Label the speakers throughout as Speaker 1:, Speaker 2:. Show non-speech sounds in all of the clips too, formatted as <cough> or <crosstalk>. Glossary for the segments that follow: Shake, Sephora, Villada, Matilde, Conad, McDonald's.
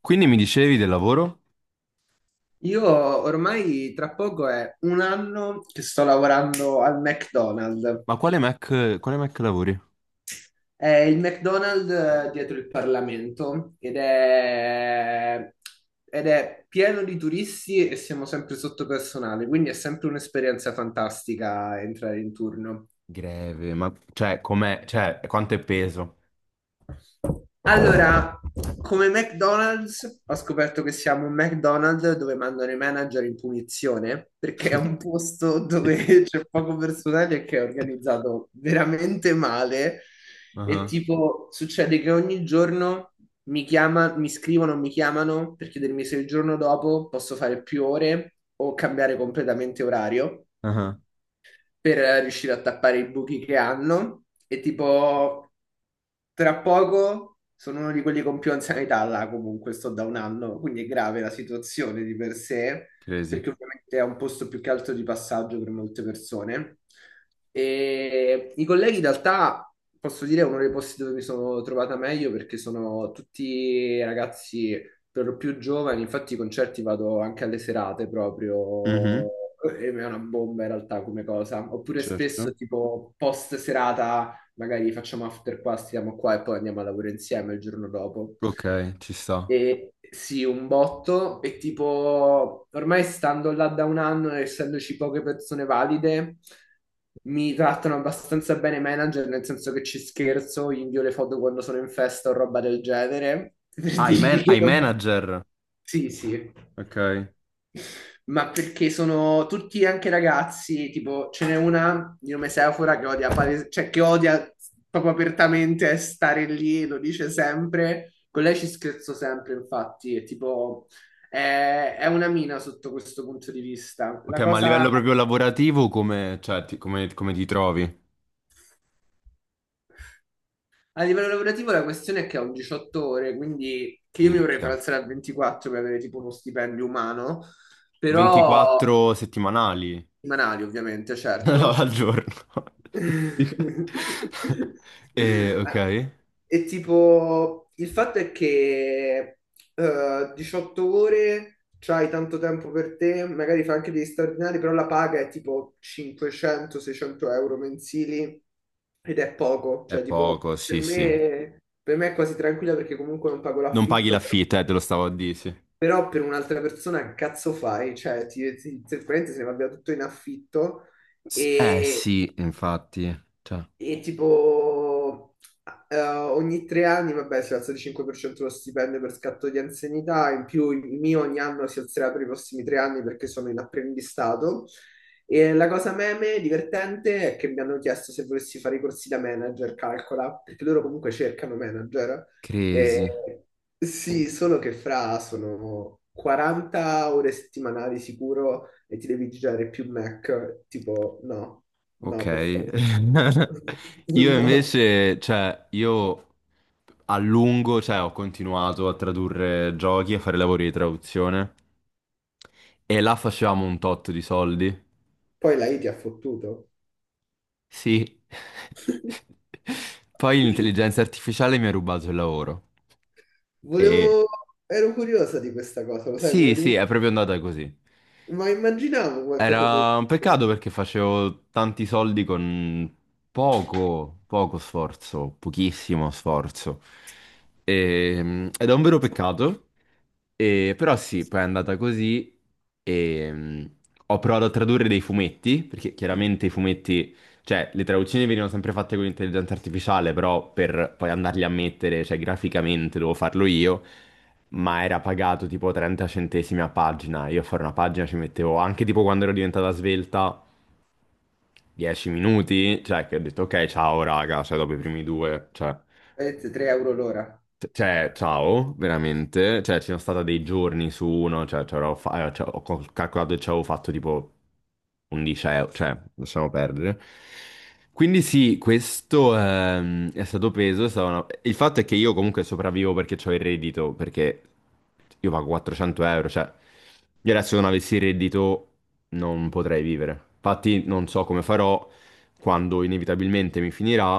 Speaker 1: Quindi mi dicevi del lavoro?
Speaker 2: Io ormai tra poco è un anno che sto lavorando al McDonald's.
Speaker 1: Ma quale Mac lavori?
Speaker 2: È il McDonald's dietro il Parlamento ed è pieno di turisti e siamo sempre sotto personale, quindi è sempre un'esperienza fantastica entrare in turno.
Speaker 1: Greve, ma cioè, com'è? Cioè, quanto è peso?
Speaker 2: Allora, come McDonald's, ho scoperto che siamo un McDonald's dove mandano i manager in punizione perché è un posto
Speaker 1: <laughs>
Speaker 2: dove <laughs> c'è poco personale e che è organizzato veramente male. E
Speaker 1: Ah,
Speaker 2: tipo, succede che ogni giorno mi chiama, mi scrivono, mi chiamano per chiedermi se il giorno dopo posso fare più ore o cambiare completamente orario
Speaker 1: ah,
Speaker 2: per riuscire a tappare i buchi che hanno e tipo tra poco sono uno di quelli con più anzianità là, comunque sto da un anno, quindi è grave la situazione di per sé
Speaker 1: crazy.
Speaker 2: perché ovviamente è un posto più che altro di passaggio per molte persone. E i colleghi in realtà posso dire è uno dei posti dove mi sono trovata meglio perché sono tutti ragazzi per più giovani, infatti i concerti vado anche alle serate proprio,
Speaker 1: Mhm,
Speaker 2: e è una bomba in realtà come cosa. Oppure spesso
Speaker 1: certo.
Speaker 2: tipo post serata, magari facciamo after qua, stiamo qua e poi andiamo a lavoro insieme il giorno dopo.
Speaker 1: Ok, ci sta.
Speaker 2: E sì, un botto, e tipo ormai stando là da un anno, e essendoci poche persone valide, mi trattano abbastanza bene i manager, nel senso che ci scherzo, gli invio le foto quando sono in festa o roba del genere, <laughs> per
Speaker 1: Ah,
Speaker 2: dirgli che
Speaker 1: ai
Speaker 2: non.
Speaker 1: manager.
Speaker 2: Sì, sì,
Speaker 1: Ok.
Speaker 2: ma perché sono tutti anche ragazzi, tipo ce n'è una di nome Sephora che odia, cioè che odia proprio apertamente stare lì, lo dice sempre, con lei ci scherzo sempre, infatti, è tipo, è una mina sotto questo punto di vista.
Speaker 1: Ok,
Speaker 2: La
Speaker 1: ma a
Speaker 2: cosa,
Speaker 1: livello proprio lavorativo come, cioè, ti, come, come ti trovi?
Speaker 2: a livello lavorativo la questione è che ho un 18 ore, quindi che io mi vorrei far
Speaker 1: Minchia.
Speaker 2: alzare a 24 per avere tipo uno stipendio umano, però,
Speaker 1: 24 settimanali.
Speaker 2: settimanali ovviamente,
Speaker 1: <laughs> No,
Speaker 2: certo.
Speaker 1: al giorno.
Speaker 2: <laughs>
Speaker 1: <laughs> Ok.
Speaker 2: E tipo, il fatto è che 18 ore, c'hai tanto tempo per te, magari fai anche degli straordinari, però la paga è tipo 500-600 euro mensili ed è poco,
Speaker 1: È
Speaker 2: cioè tipo,
Speaker 1: poco, sì, sì.
Speaker 2: per me è quasi tranquilla perché comunque non pago
Speaker 1: Non paghi
Speaker 2: l'affitto, però,
Speaker 1: l'affitto, te lo stavo a dire, sì.
Speaker 2: però per un'altra persona che cazzo fai? Cioè, praticamente se ne va via tutto in affitto
Speaker 1: Eh
Speaker 2: e,
Speaker 1: sì, infatti, cioè,
Speaker 2: e tipo, ogni tre anni, vabbè, si alza di 5% lo stipendio per scatto di anzianità, in più il mio ogni anno si alzerà per i prossimi tre anni perché sono in apprendistato. E la cosa meme divertente è che mi hanno chiesto se volessi fare i corsi da manager, calcola, perché loro comunque cercano manager.
Speaker 1: crazy.
Speaker 2: E sì, solo che fra sono 40 ore settimanali sicuro e ti devi girare più Mac, tipo no.
Speaker 1: Ok.
Speaker 2: No, per favore, no.
Speaker 1: <laughs>
Speaker 2: <laughs>
Speaker 1: Io
Speaker 2: No.
Speaker 1: invece, cioè, io a lungo, cioè, ho continuato a tradurre giochi, a fare lavori di traduzione e là facevamo un tot di soldi.
Speaker 2: Poi la I ti ha fottuto?
Speaker 1: Sì.
Speaker 2: <laughs>
Speaker 1: <laughs> Poi l'intelligenza artificiale mi ha rubato il lavoro. E
Speaker 2: Volevo. Ero curiosa di questa cosa, lo sai, me lo
Speaker 1: sì, sì, è
Speaker 2: dimenticavo.
Speaker 1: proprio andata così.
Speaker 2: Ma immaginavo qualcosa del
Speaker 1: Era un peccato
Speaker 2: genere.
Speaker 1: perché facevo tanti soldi con poco sforzo, pochissimo sforzo. E, ed è un vero peccato. Però sì, poi è andata così e ho provato a tradurre dei fumetti, perché chiaramente i fumetti, cioè le traduzioni venivano sempre fatte con l'intelligenza artificiale, però per poi andarli a mettere, cioè graficamente dovevo farlo io, ma era pagato tipo 30 centesimi a pagina, io a fare una pagina ci mettevo anche tipo quando ero diventata svelta 10 minuti, cioè che ho detto ok ciao raga, cioè dopo i primi due, cioè...
Speaker 2: 3 euro l'ora.
Speaker 1: Cioè, ciao, veramente. Cioè, ci sono stati dei giorni su uno, cioè, cioè, calcolato e ci avevo fatto tipo 11 euro, cioè, lasciamo perdere. Quindi sì, questo è stato peso. Il fatto è che io comunque sopravvivo perché ho il reddito, perché io pago 400 euro, cioè, io adesso non avessi il reddito non potrei vivere. Infatti non so come farò quando inevitabilmente mi finirà.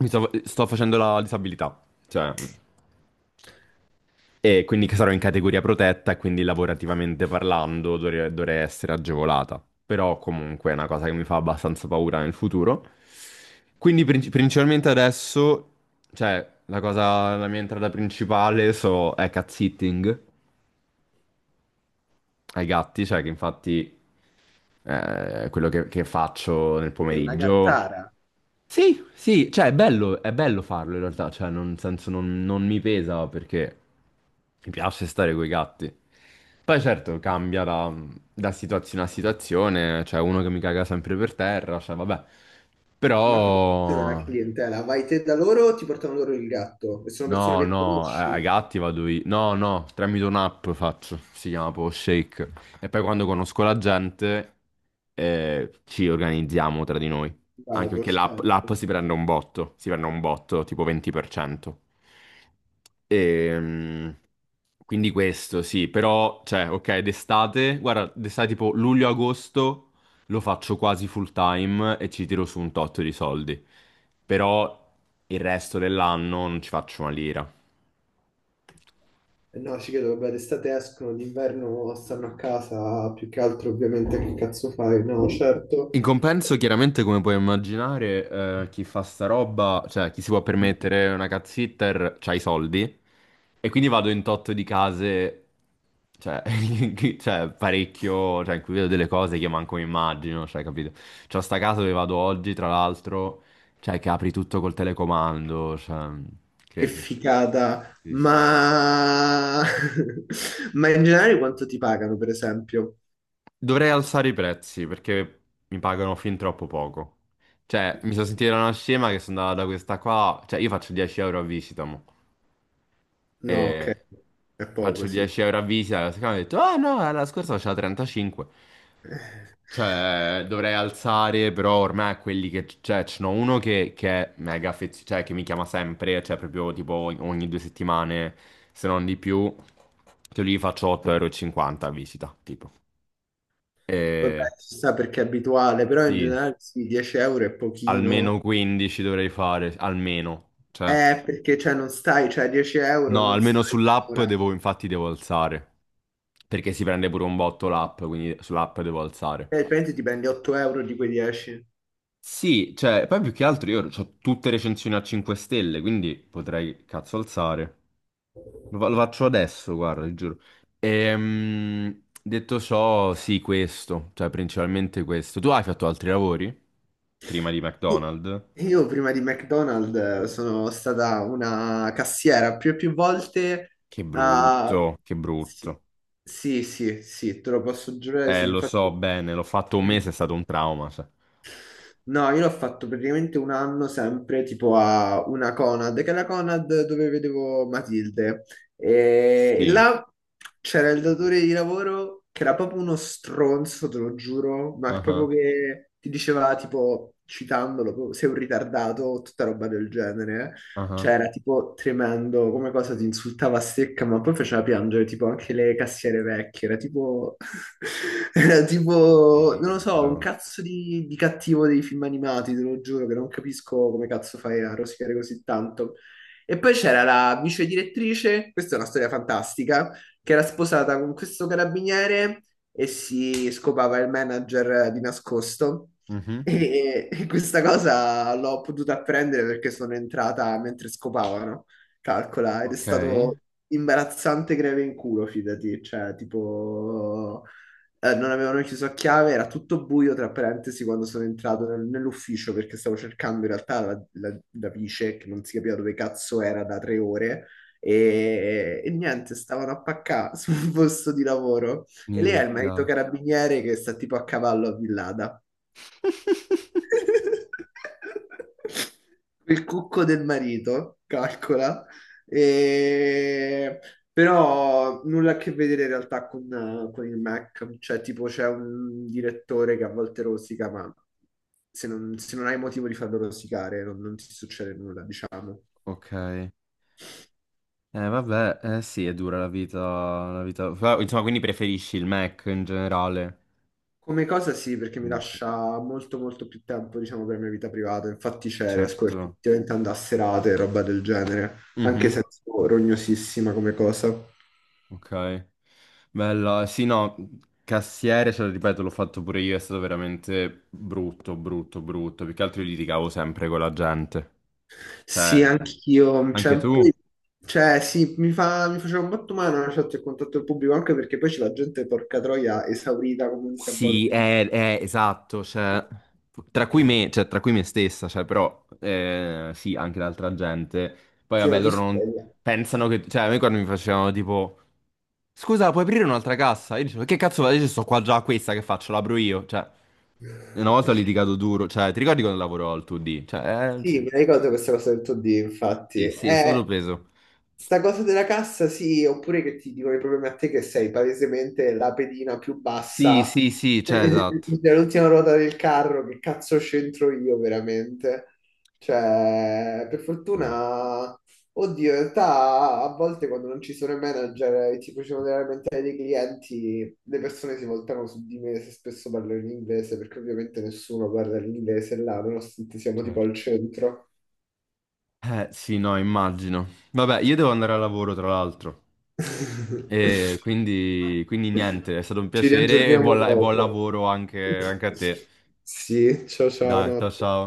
Speaker 1: Sto facendo la disabilità, cioè... E quindi che sarò in categoria protetta, e quindi lavorativamente parlando dovrei essere agevolata. Però comunque è una cosa che mi fa abbastanza paura nel futuro. Quindi principalmente adesso, cioè, la mia entrata principale so, è cat sitting ai gatti, cioè che infatti quello che faccio nel
Speaker 2: È una
Speaker 1: pomeriggio.
Speaker 2: gattara.
Speaker 1: Sì, sì, cioè è bello farlo in realtà, cioè non, nel senso non, non mi pesa perché mi piace stare coi gatti. Poi certo da situazione a situazione, c'è uno che mi caga sempre per terra, cioè vabbè,
Speaker 2: Ma come funziona la
Speaker 1: però,
Speaker 2: clientela? Vai te da loro o ti portano loro il gatto? E sono persone
Speaker 1: No,
Speaker 2: che
Speaker 1: no, a
Speaker 2: conosci?
Speaker 1: gatti vado io. No, no, tramite un'app faccio, si chiama proprio Shake. E poi quando conosco la gente ci organizziamo tra di noi. Anche
Speaker 2: Vado,
Speaker 1: perché
Speaker 2: certo.
Speaker 1: l'app si prende un botto, si prende un botto tipo 20%. Ehm, quindi questo sì, però, cioè, ok, d'estate, guarda, d'estate tipo luglio-agosto lo faccio quasi full time e ci tiro su un tot di soldi però il resto dell'anno non ci faccio una lira.
Speaker 2: E no, ci credo, vabbè, d'estate escono, d'inverno stanno a casa, più che altro ovviamente che cazzo fai? No, certo.
Speaker 1: In compenso, chiaramente, come puoi immaginare, chi fa sta roba, cioè chi si può permettere una cat sitter, c'ha i soldi. E quindi vado in totto di case, cioè, <laughs> cioè, parecchio, cioè, in cui vedo delle cose che io manco mi immagino, cioè, capito? C'ho sta casa dove vado oggi, tra l'altro, cioè, che apri tutto col telecomando, cioè,
Speaker 2: Che
Speaker 1: crazy.
Speaker 2: figata,
Speaker 1: Sì, sì.
Speaker 2: ma. <laughs> Ma in generale quanto ti pagano, per esempio?
Speaker 1: Dovrei alzare i prezzi perché mi pagano fin troppo poco. Cioè, mi sono sentito una scema che sono andata da questa qua. Cioè, io faccio 10 euro a visita, mo.
Speaker 2: No, ok,
Speaker 1: E
Speaker 2: è
Speaker 1: faccio
Speaker 2: poco, sì.
Speaker 1: 10 euro a visita. La seconda mi ha detto, ah no, la scorsa faceva 35. Cioè, dovrei alzare, però ormai quelli che... Cioè, ce n'ho uno che è mega affezionato, cioè, che mi chiama sempre, cioè, proprio tipo ogni due settimane, se non di più. Che lì faccio 8,50 euro e cinquanta a visita, tipo.
Speaker 2: Vabbè,
Speaker 1: E...
Speaker 2: si sa perché è abituale, però in
Speaker 1: Sì,
Speaker 2: generale sì, 10 euro è pochino.
Speaker 1: almeno 15 dovrei fare, almeno. Cioè,
Speaker 2: Perché cioè non stai, cioè 10 euro
Speaker 1: no,
Speaker 2: non
Speaker 1: almeno
Speaker 2: stai
Speaker 1: sull'app
Speaker 2: ora. E
Speaker 1: devo, infatti devo alzare. Perché si prende pure un botto l'app, quindi sull'app devo alzare.
Speaker 2: praticamente ti prendi 8 euro di quei 10.
Speaker 1: Sì, cioè, poi più che altro io ho tutte recensioni a 5 stelle, quindi potrei cazzo alzare. Lo faccio adesso, guarda, ti giuro. Detto ciò, sì, questo, cioè principalmente questo. Tu hai fatto altri lavori? Prima di
Speaker 2: Sì.
Speaker 1: McDonald's?
Speaker 2: Io prima di McDonald's sono stata una cassiera più e più volte.
Speaker 1: Che
Speaker 2: Ah,
Speaker 1: brutto, che
Speaker 2: sì,
Speaker 1: brutto.
Speaker 2: sì, sì, sì, te lo posso giurare. Sì,
Speaker 1: Lo
Speaker 2: infatti.
Speaker 1: so bene, l'ho fatto un mese, è stato un trauma.
Speaker 2: No, io l'ho fatto praticamente un anno sempre tipo a una Conad, che è la Conad dove vedevo Matilde. E
Speaker 1: Sì.
Speaker 2: là c'era il datore di lavoro che era proprio uno stronzo, te lo giuro, ma proprio
Speaker 1: Ah
Speaker 2: che ti diceva tipo, citandolo, proprio, sei un ritardato o tutta roba del genere.
Speaker 1: ah.
Speaker 2: Cioè era tipo tremendo, come cosa ti insultava a secca, ma poi faceva piangere tipo anche le cassiere vecchie, era tipo. <laughs> Era
Speaker 1: Che
Speaker 2: tipo, non lo so, un
Speaker 1: peso.
Speaker 2: cazzo di cattivo dei film animati, te lo giuro, che non capisco come cazzo fai a rosicare così tanto. E poi c'era la vice direttrice, questa è una storia fantastica, che era sposata con questo carabiniere e si scopava il manager di nascosto.
Speaker 1: Mhm.
Speaker 2: E questa cosa l'ho potuta apprendere perché sono entrata mentre scopavano, calcola, ed è
Speaker 1: Ok.
Speaker 2: stato imbarazzante greve in culo, fidati, cioè tipo non avevano chiuso a chiave, era tutto buio, tra parentesi, quando sono entrato nell'ufficio perché stavo cercando in realtà la vice, che non si capiva dove cazzo era da 3 ore, niente, stavano a paccà <laughs> sul posto di lavoro. E lei ha il marito
Speaker 1: Minchia.
Speaker 2: carabiniere che sta tipo a cavallo a Villada.
Speaker 1: <laughs>
Speaker 2: <laughs> Il cucco del marito, calcola. E- Però nulla a che vedere in realtà con il Mac, cioè tipo c'è un direttore che a volte rosica, ma se non hai motivo di farlo rosicare non ti succede nulla, diciamo.
Speaker 1: Ok. Vabbè, eh sì, è dura la vita, Però, insomma, quindi preferisci il Mac in generale?
Speaker 2: Come cosa sì, perché mi
Speaker 1: Quindi,
Speaker 2: lascia molto molto più tempo, diciamo, per la mia vita privata, infatti c'è, riesco
Speaker 1: certo.
Speaker 2: effettivamente ad andare a serate e roba del genere, anche
Speaker 1: Mhm.
Speaker 2: se è un po' rognosissima come cosa.
Speaker 1: Ok. Bella. Sì, no, cassiere, ce lo ripeto, l'ho fatto pure io, è stato veramente brutto, brutto, brutto. Più che altro io litigavo sempre con la gente. Cioè...
Speaker 2: Sì, anch'io,
Speaker 1: Anche
Speaker 2: cioè,
Speaker 1: tu?
Speaker 2: cioè, sì, mi faceva un botto male una chat e contatto il pubblico, anche perché poi c'è la gente, porca troia, esaurita comunque a
Speaker 1: Sì,
Speaker 2: volte.
Speaker 1: esatto, cioè, cioè, tra cui me stessa, cioè, però sì, anche l'altra gente. Poi
Speaker 2: Sì,
Speaker 1: vabbè,
Speaker 2: ma tu
Speaker 1: loro
Speaker 2: sei
Speaker 1: non
Speaker 2: bella.
Speaker 1: pensano che, cioè, a me quando mi facevano tipo, scusa, puoi aprire un'altra cassa? Io dicevo, che cazzo vado? Io sto qua già a questa, che faccio? L'apro io, cioè, una volta ho litigato duro, cioè, ti ricordi quando lavoravo al 2D? Cioè,
Speaker 2: Sì,
Speaker 1: cioè,
Speaker 2: mi ricordo questa cosa del 2D, infatti.
Speaker 1: sì, sì, è stato preso.
Speaker 2: Sta cosa della cassa, sì, oppure che ti dicono i problemi a te che sei palesemente la pedina più
Speaker 1: Sì,
Speaker 2: bassa
Speaker 1: sì, sì, cioè,
Speaker 2: <laughs>
Speaker 1: esatto.
Speaker 2: dell'ultima ruota del carro, che cazzo c'entro io veramente? Cioè, per
Speaker 1: Sì,
Speaker 2: fortuna, oddio, in realtà a volte quando non ci sono i manager e ti facevano delle lamentele dei clienti, le persone si voltano su di me se spesso parlo in inglese, perché ovviamente nessuno parla l'inglese là, nonostante siamo tipo al
Speaker 1: certo.
Speaker 2: centro.
Speaker 1: Sì, no, immagino. Vabbè, io devo andare al lavoro, tra l'altro.
Speaker 2: <laughs>
Speaker 1: Quindi niente, è stato un
Speaker 2: Ci
Speaker 1: piacere e
Speaker 2: riaggiorniamo
Speaker 1: e buon
Speaker 2: dopo.
Speaker 1: lavoro anche anche a te.
Speaker 2: <laughs> Sì, ciao ciao,
Speaker 1: Dai, ciao
Speaker 2: notte.
Speaker 1: ciao.